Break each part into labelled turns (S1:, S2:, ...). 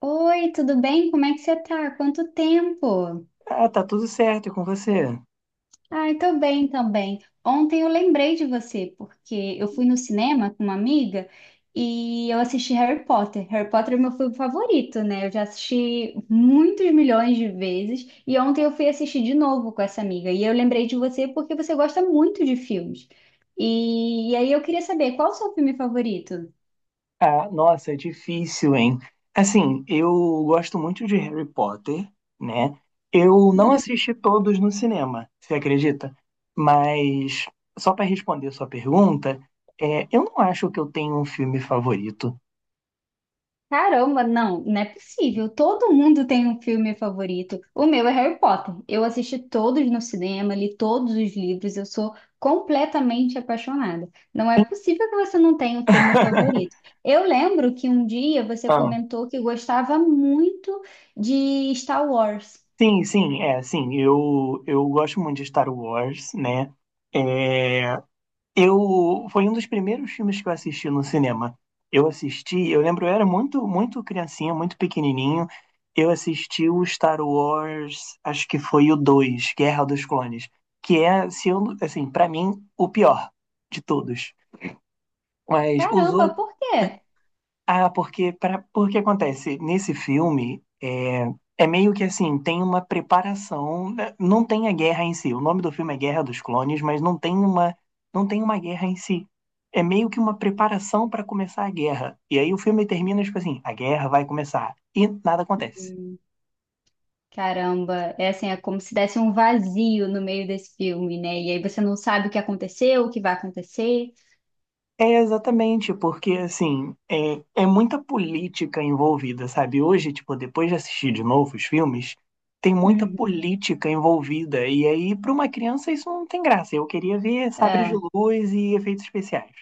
S1: Oi, tudo bem? Como é que você tá? Quanto tempo?
S2: Ah, tá tudo certo e com você?
S1: Ai, tô bem também. Ontem eu lembrei de você, porque eu fui no cinema com uma amiga e eu assisti Harry Potter. Harry Potter é meu filme favorito, né? Eu já assisti muitos milhões de vezes e ontem eu fui assistir de novo com essa amiga. E eu lembrei de você porque você gosta muito de filmes. E aí eu queria saber qual o seu filme favorito?
S2: Ah, nossa, é difícil, hein? Assim, eu gosto muito de Harry Potter, né? Eu não assisti todos no cinema, você acredita? Mas, só para responder sua pergunta, eu não acho que eu tenho um filme favorito.
S1: Caramba, não, não é possível. Todo mundo tem um filme favorito. O meu é Harry Potter. Eu assisti todos no cinema, li todos os livros, eu sou completamente apaixonada. Não é possível que você não tenha um filme favorito. Eu lembro que um dia você
S2: Ah,
S1: comentou que gostava muito de Star Wars.
S2: sim, sim, é, sim, eu gosto muito de Star Wars, né? É, Eu foi um dos primeiros filmes que eu assisti no cinema. Eu assisti, eu lembro, eu era muito, muito criancinha, muito pequenininho. Eu assisti o Star Wars, acho que foi o 2, Guerra dos Clones, que é, se eu, assim, para mim, o pior de todos. Mas os
S1: Caramba,
S2: outros
S1: por quê?
S2: porque acontece nesse filme é meio que assim tem uma preparação, né? Não tem a guerra em si. O nome do filme é Guerra dos Clones, mas não tem uma guerra em si. É meio que uma preparação para começar a guerra. E aí o filme termina tipo assim, a guerra vai começar e nada acontece.
S1: Hum. Caramba, é assim, é como se desse um vazio no meio desse filme, né? E aí você não sabe o que aconteceu, o que vai acontecer.
S2: É exatamente, porque assim, é muita política envolvida, sabe? Hoje, tipo, depois de assistir de novo os filmes, tem muita
S1: Uhum,
S2: política envolvida. E aí, para uma criança, isso não tem graça. Eu queria ver sabres de
S1: é.
S2: luz e efeitos especiais.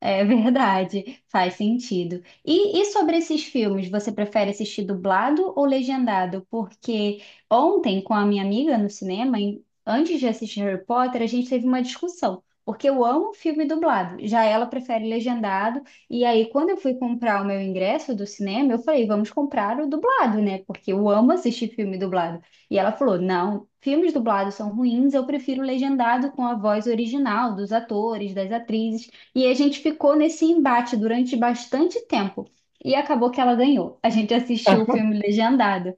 S1: É verdade, faz sentido. E sobre esses filmes, você prefere assistir dublado ou legendado? Porque ontem, com a minha amiga no cinema, antes de assistir Harry Potter, a gente teve uma discussão. Porque eu amo filme dublado, já ela prefere legendado. E aí, quando eu fui comprar o meu ingresso do cinema, eu falei, vamos comprar o dublado, né? Porque eu amo assistir filme dublado. E ela falou, não, filmes dublados são ruins, eu prefiro legendado com a voz original dos atores, das atrizes. E a gente ficou nesse embate durante bastante tempo. E acabou que ela ganhou. A gente
S2: Ah,
S1: assistiu o filme legendado.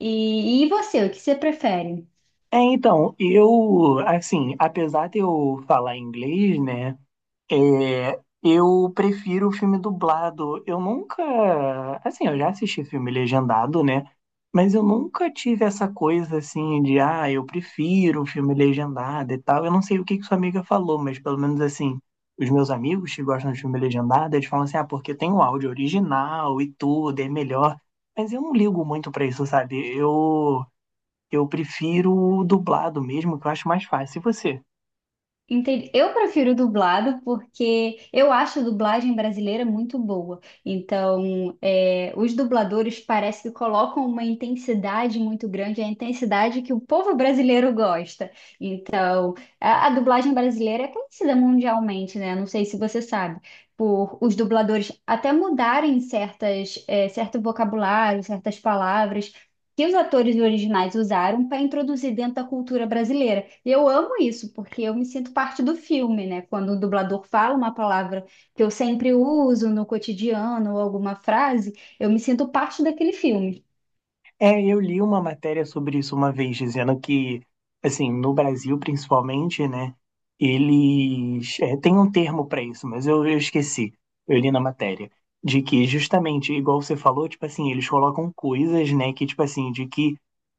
S1: E você, o que você prefere?
S2: É, então, assim, apesar de eu falar inglês, né? É, eu prefiro o filme dublado. Eu nunca. Assim, eu já assisti filme legendado, né? Mas eu nunca tive essa coisa assim de, eu prefiro o filme legendado e tal. Eu não sei o que que sua amiga falou, mas pelo menos assim, os meus amigos que gostam de filme legendado, eles falam assim, ah, porque tem o áudio original e tudo, é melhor. Mas eu não ligo muito pra isso, sabe? Eu prefiro o dublado mesmo, que eu acho mais fácil. E você?
S1: Entendi. Eu prefiro dublado porque eu acho a dublagem brasileira muito boa. Então, os dubladores parece que colocam uma intensidade muito grande, a intensidade que o povo brasileiro gosta. Então, a dublagem brasileira é conhecida mundialmente, né? Não sei se você sabe, por os dubladores até mudarem certas, certo vocabulário, certas palavras que os atores originais usaram para introduzir dentro da cultura brasileira. E eu amo isso, porque eu me sinto parte do filme, né? Quando o dublador fala uma palavra que eu sempre uso no cotidiano ou alguma frase, eu me sinto parte daquele filme.
S2: É, eu li uma matéria sobre isso uma vez, dizendo que, assim, no Brasil principalmente, né, eles. É, tem um termo para isso, mas eu esqueci. Eu li na matéria. De que, justamente, igual você falou, tipo assim, eles colocam coisas, né, que, tipo assim, de que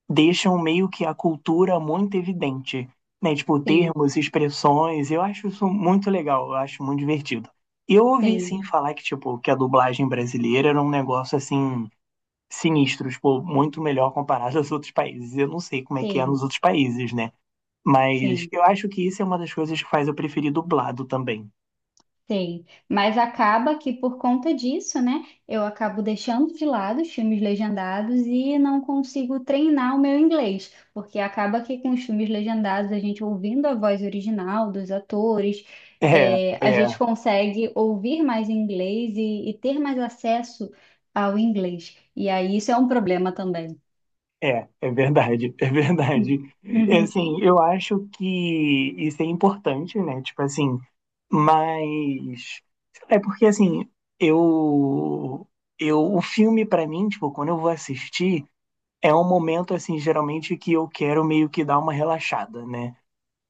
S2: deixam meio que a cultura muito evidente, né, tipo,
S1: Sim,
S2: termos, expressões. Eu acho isso muito legal, eu acho muito divertido. Eu ouvi,
S1: sim,
S2: sim, falar que, tipo, que a dublagem brasileira era um negócio assim sinistros, pô, muito melhor comparado aos outros países. Eu não sei como é que é
S1: sim,
S2: nos outros países, né? Mas
S1: sim.
S2: eu acho que isso é uma das coisas que faz eu preferir dublado também.
S1: Sei, mas acaba que por conta disso, né, eu acabo deixando de lado os filmes legendados e não consigo treinar o meu inglês, porque acaba que com os filmes legendados, a gente ouvindo a voz original dos atores,
S2: É,
S1: é, a gente
S2: é,
S1: consegue ouvir mais inglês e ter mais acesso ao inglês. E aí isso é um problema também.
S2: é verdade, é verdade.
S1: Hum.
S2: É,
S1: Uhum,
S2: assim, eu acho que isso é importante, né? Tipo assim, mas é porque assim, eu eu o filme pra mim, tipo, quando eu vou assistir, é um momento assim, geralmente que eu quero meio que dar uma relaxada, né?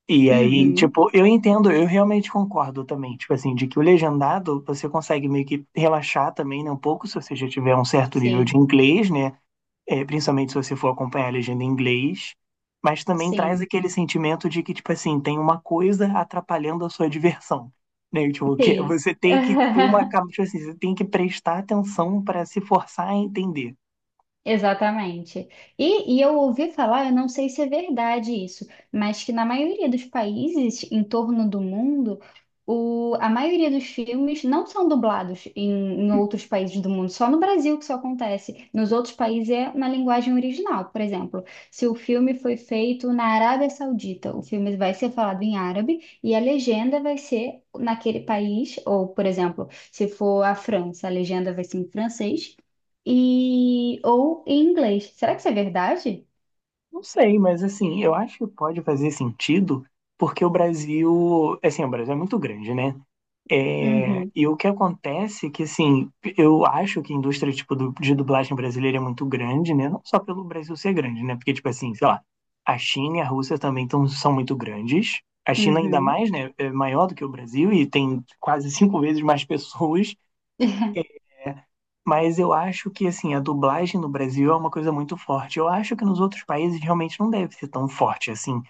S2: E aí,
S1: uhum,
S2: tipo, eu entendo, eu realmente concordo também, tipo assim, de que o legendado você consegue meio que relaxar também, né, um pouco, se você já tiver um certo nível
S1: sim,
S2: de inglês, né, principalmente se você for acompanhar a legenda em inglês, mas também traz
S1: sim,
S2: aquele sentimento de que, tipo assim, tem uma coisa atrapalhando a sua diversão, né, tipo, que é,
S1: sim.
S2: você tem que ter tipo assim, você tem que prestar atenção para se forçar a entender.
S1: Exatamente. E eu ouvi falar, eu não sei se é verdade isso, mas que na maioria dos países em torno do mundo, a maioria dos filmes não são dublados em outros países do mundo, só no Brasil que isso acontece. Nos outros países é na linguagem original. Por exemplo, se o filme foi feito na Arábia Saudita, o filme vai ser falado em árabe e a legenda vai ser naquele país, ou, por exemplo, se for a França, a legenda vai ser em francês. E ou em inglês. Será que isso é verdade?
S2: Não sei, mas assim, eu acho que pode fazer sentido, porque o Brasil, assim, o Brasil é muito grande, né? É,
S1: Uhum,
S2: e o que acontece é que, assim, eu acho que a indústria, tipo, de dublagem brasileira é muito grande, né? Não só pelo Brasil ser grande, né? Porque, tipo assim, sei lá, a China e a Rússia também são muito grandes. A China ainda
S1: uhum,
S2: mais, né? É maior do que o Brasil e tem quase 5 vezes mais pessoas. Mas eu acho que, assim, a dublagem no Brasil é uma coisa muito forte. Eu acho que nos outros países realmente não deve ser tão forte, assim.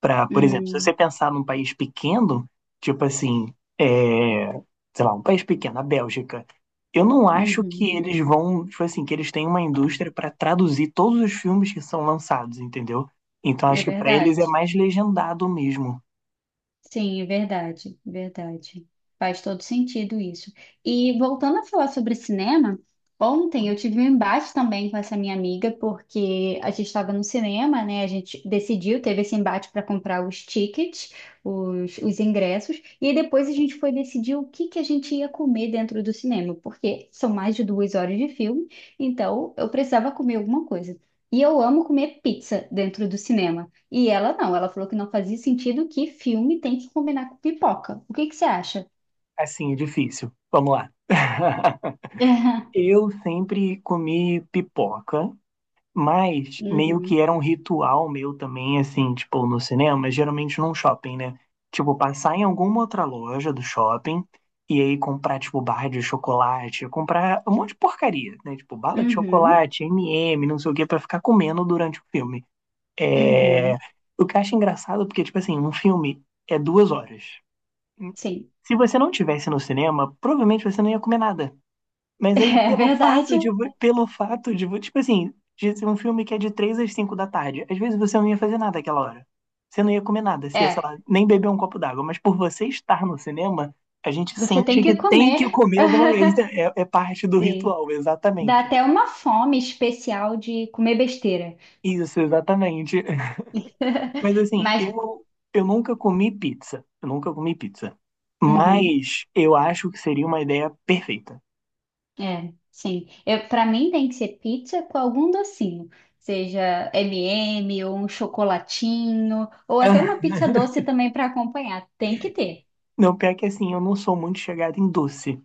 S2: Por exemplo, se você
S1: hum,
S2: pensar num país pequeno, tipo assim, é, sei lá, um país pequeno, a Bélgica, eu não acho
S1: uhum.
S2: que eles vão, tipo assim, que eles têm uma indústria para traduzir todos os filmes que são lançados, entendeu? Então
S1: É
S2: acho que para eles é
S1: verdade.
S2: mais legendado mesmo.
S1: Sim, é verdade, verdade. Faz todo sentido isso. E voltando a falar sobre cinema, ontem eu tive um embate também com essa minha amiga, porque a gente estava no cinema, né? A gente decidiu, teve esse embate para comprar os tickets, os ingressos, e aí depois a gente foi decidir o que que a gente ia comer dentro do cinema, porque são mais de duas horas de filme, então eu precisava comer alguma coisa. E eu amo comer pizza dentro do cinema. E ela não, ela falou que não fazia sentido que filme tem que combinar com pipoca. O que que você acha?
S2: Assim, é difícil. Vamos lá. Eu sempre comi pipoca. Mas meio
S1: Uhum,
S2: que era um ritual meu também, assim, tipo, no cinema, geralmente num shopping, né? Tipo, passar em alguma outra loja do shopping e aí comprar, tipo, barra de chocolate, comprar um monte de porcaria, né? Tipo, bala de
S1: uhum,
S2: chocolate, M&M, não sei o quê, pra ficar comendo durante o filme. É.
S1: uhum.
S2: O que eu acho engraçado, porque, tipo assim, um filme é 2 horas.
S1: Sim,
S2: Se você não tivesse no cinema, provavelmente você não ia comer nada. Mas aí,
S1: é
S2: pelo fato
S1: verdade.
S2: de, vo- pelo fato de, vo- tipo assim, de ser um filme que é de 3 às 5 da tarde, às vezes você não ia fazer nada aquela hora. Você não ia comer nada, você ia, sei
S1: É,
S2: lá, nem beber um copo d'água. Mas por você estar no cinema, a gente
S1: você tem
S2: sente que
S1: que
S2: tem que
S1: comer.
S2: comer alguma coisa. É, é parte do
S1: Sim.
S2: ritual,
S1: Dá
S2: exatamente.
S1: até uma fome especial de comer besteira.
S2: Isso, exatamente. Mas assim,
S1: Mas,
S2: eu nunca comi pizza. Eu nunca comi pizza.
S1: uhum,
S2: Mas eu acho que seria uma ideia perfeita.
S1: é, sim. Eu, para mim tem que ser pizza com algum docinho, seja M&M ou um chocolatinho, ou até uma pizza doce também para acompanhar. Tem que ter.
S2: Não, pior que assim, eu não sou muito chegado em doce.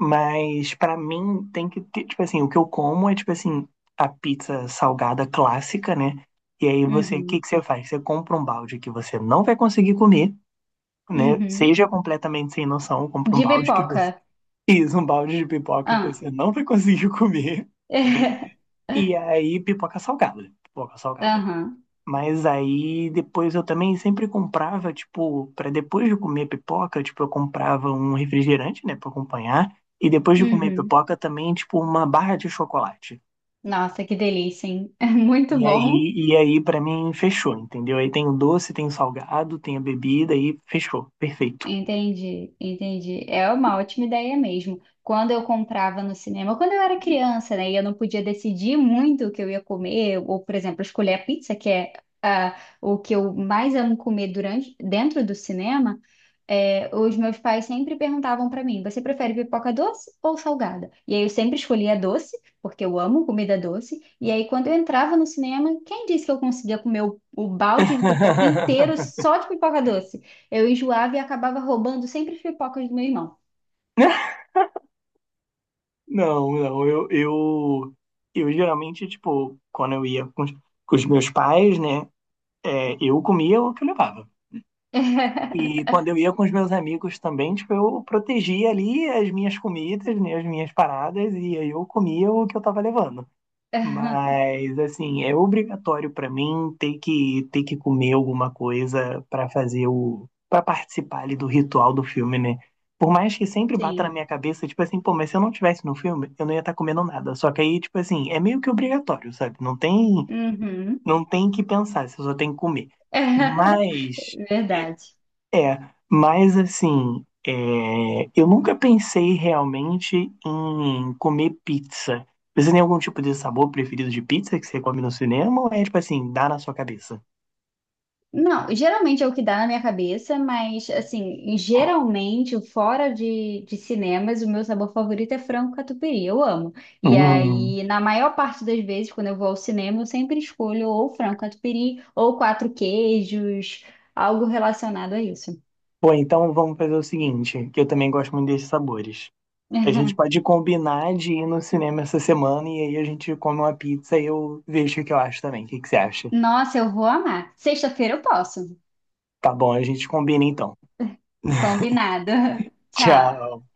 S2: Mas pra mim tem que ter, tipo assim, o que eu como é tipo assim, a pizza salgada clássica, né? E aí você, o
S1: Uhum.
S2: que que você faz? Você compra um balde que você não vai conseguir comer, né?
S1: Uhum.
S2: Seja completamente sem noção, compra um
S1: De
S2: balde que
S1: pipoca.
S2: você isso, um balde de pipoca que
S1: Ah.
S2: você não vai conseguir comer. E aí pipoca salgada, pipoca salgada.
S1: Aham.
S2: Mas aí depois eu também sempre comprava, tipo, para depois de comer pipoca, tipo, eu comprava um refrigerante, né, para acompanhar, e depois de comer
S1: Uhum.
S2: pipoca também, tipo, uma barra de chocolate.
S1: Nossa, que delícia, hein? Muito
S2: E
S1: bom.
S2: aí, e aí para mim fechou, entendeu? Aí tem o doce, tem o salgado, tem a bebida e fechou, perfeito.
S1: Entendi, entendi. É uma ótima ideia mesmo. Quando eu comprava no cinema, quando eu era criança, né, e eu não podia decidir muito o que eu ia comer, ou, por exemplo, escolher a pizza, que é ah, o que eu mais amo comer durante, dentro do cinema, é, os meus pais sempre perguntavam para mim: você prefere pipoca doce ou salgada? E aí eu sempre escolhia doce, porque eu amo comida doce. E aí quando eu entrava no cinema, quem disse que eu conseguia comer o balde de pipoca inteiro só de pipoca doce? Eu enjoava e acabava roubando sempre as pipocas do meu irmão.
S2: Não, não, eu geralmente, tipo, quando eu ia com os meus pais, né, eu comia o que eu levava. E quando eu ia com os meus amigos também, tipo, eu protegia ali as minhas comidas, né, as minhas paradas, e aí eu comia o que eu tava levando. Mas, assim, é obrigatório pra mim ter que comer alguma coisa pra fazer para participar ali do ritual do filme, né? Por mais que sempre bata na
S1: Sim.
S2: minha cabeça, tipo assim, pô, mas se eu não tivesse no filme, eu não ia estar comendo nada. Só que aí, tipo assim, é meio que obrigatório, sabe? Não tem,
S1: Uhum.
S2: não tem que pensar, você só tem que comer. Mas.
S1: Verdade.
S2: É, mas assim, eu nunca pensei realmente em comer pizza. Você tem algum tipo de sabor preferido de pizza que você come no cinema ou é tipo assim, dá na sua cabeça?
S1: Não, geralmente é o que dá na minha cabeça, mas assim, geralmente, fora de cinemas, o meu sabor favorito é frango catupiry, eu amo. E
S2: Hum.
S1: aí, na maior parte das vezes, quando eu vou ao cinema, eu sempre escolho ou frango catupiry ou quatro queijos, algo relacionado a isso.
S2: Pô, então vamos fazer o seguinte, que eu também gosto muito desses sabores. A gente pode combinar de ir no cinema essa semana e aí a gente come uma pizza e eu vejo o que eu acho também. O que que você acha?
S1: Nossa, eu vou amar. Sexta-feira eu posso.
S2: Tá bom, a gente combina então.
S1: Combinado. Tchau.
S2: Tchau.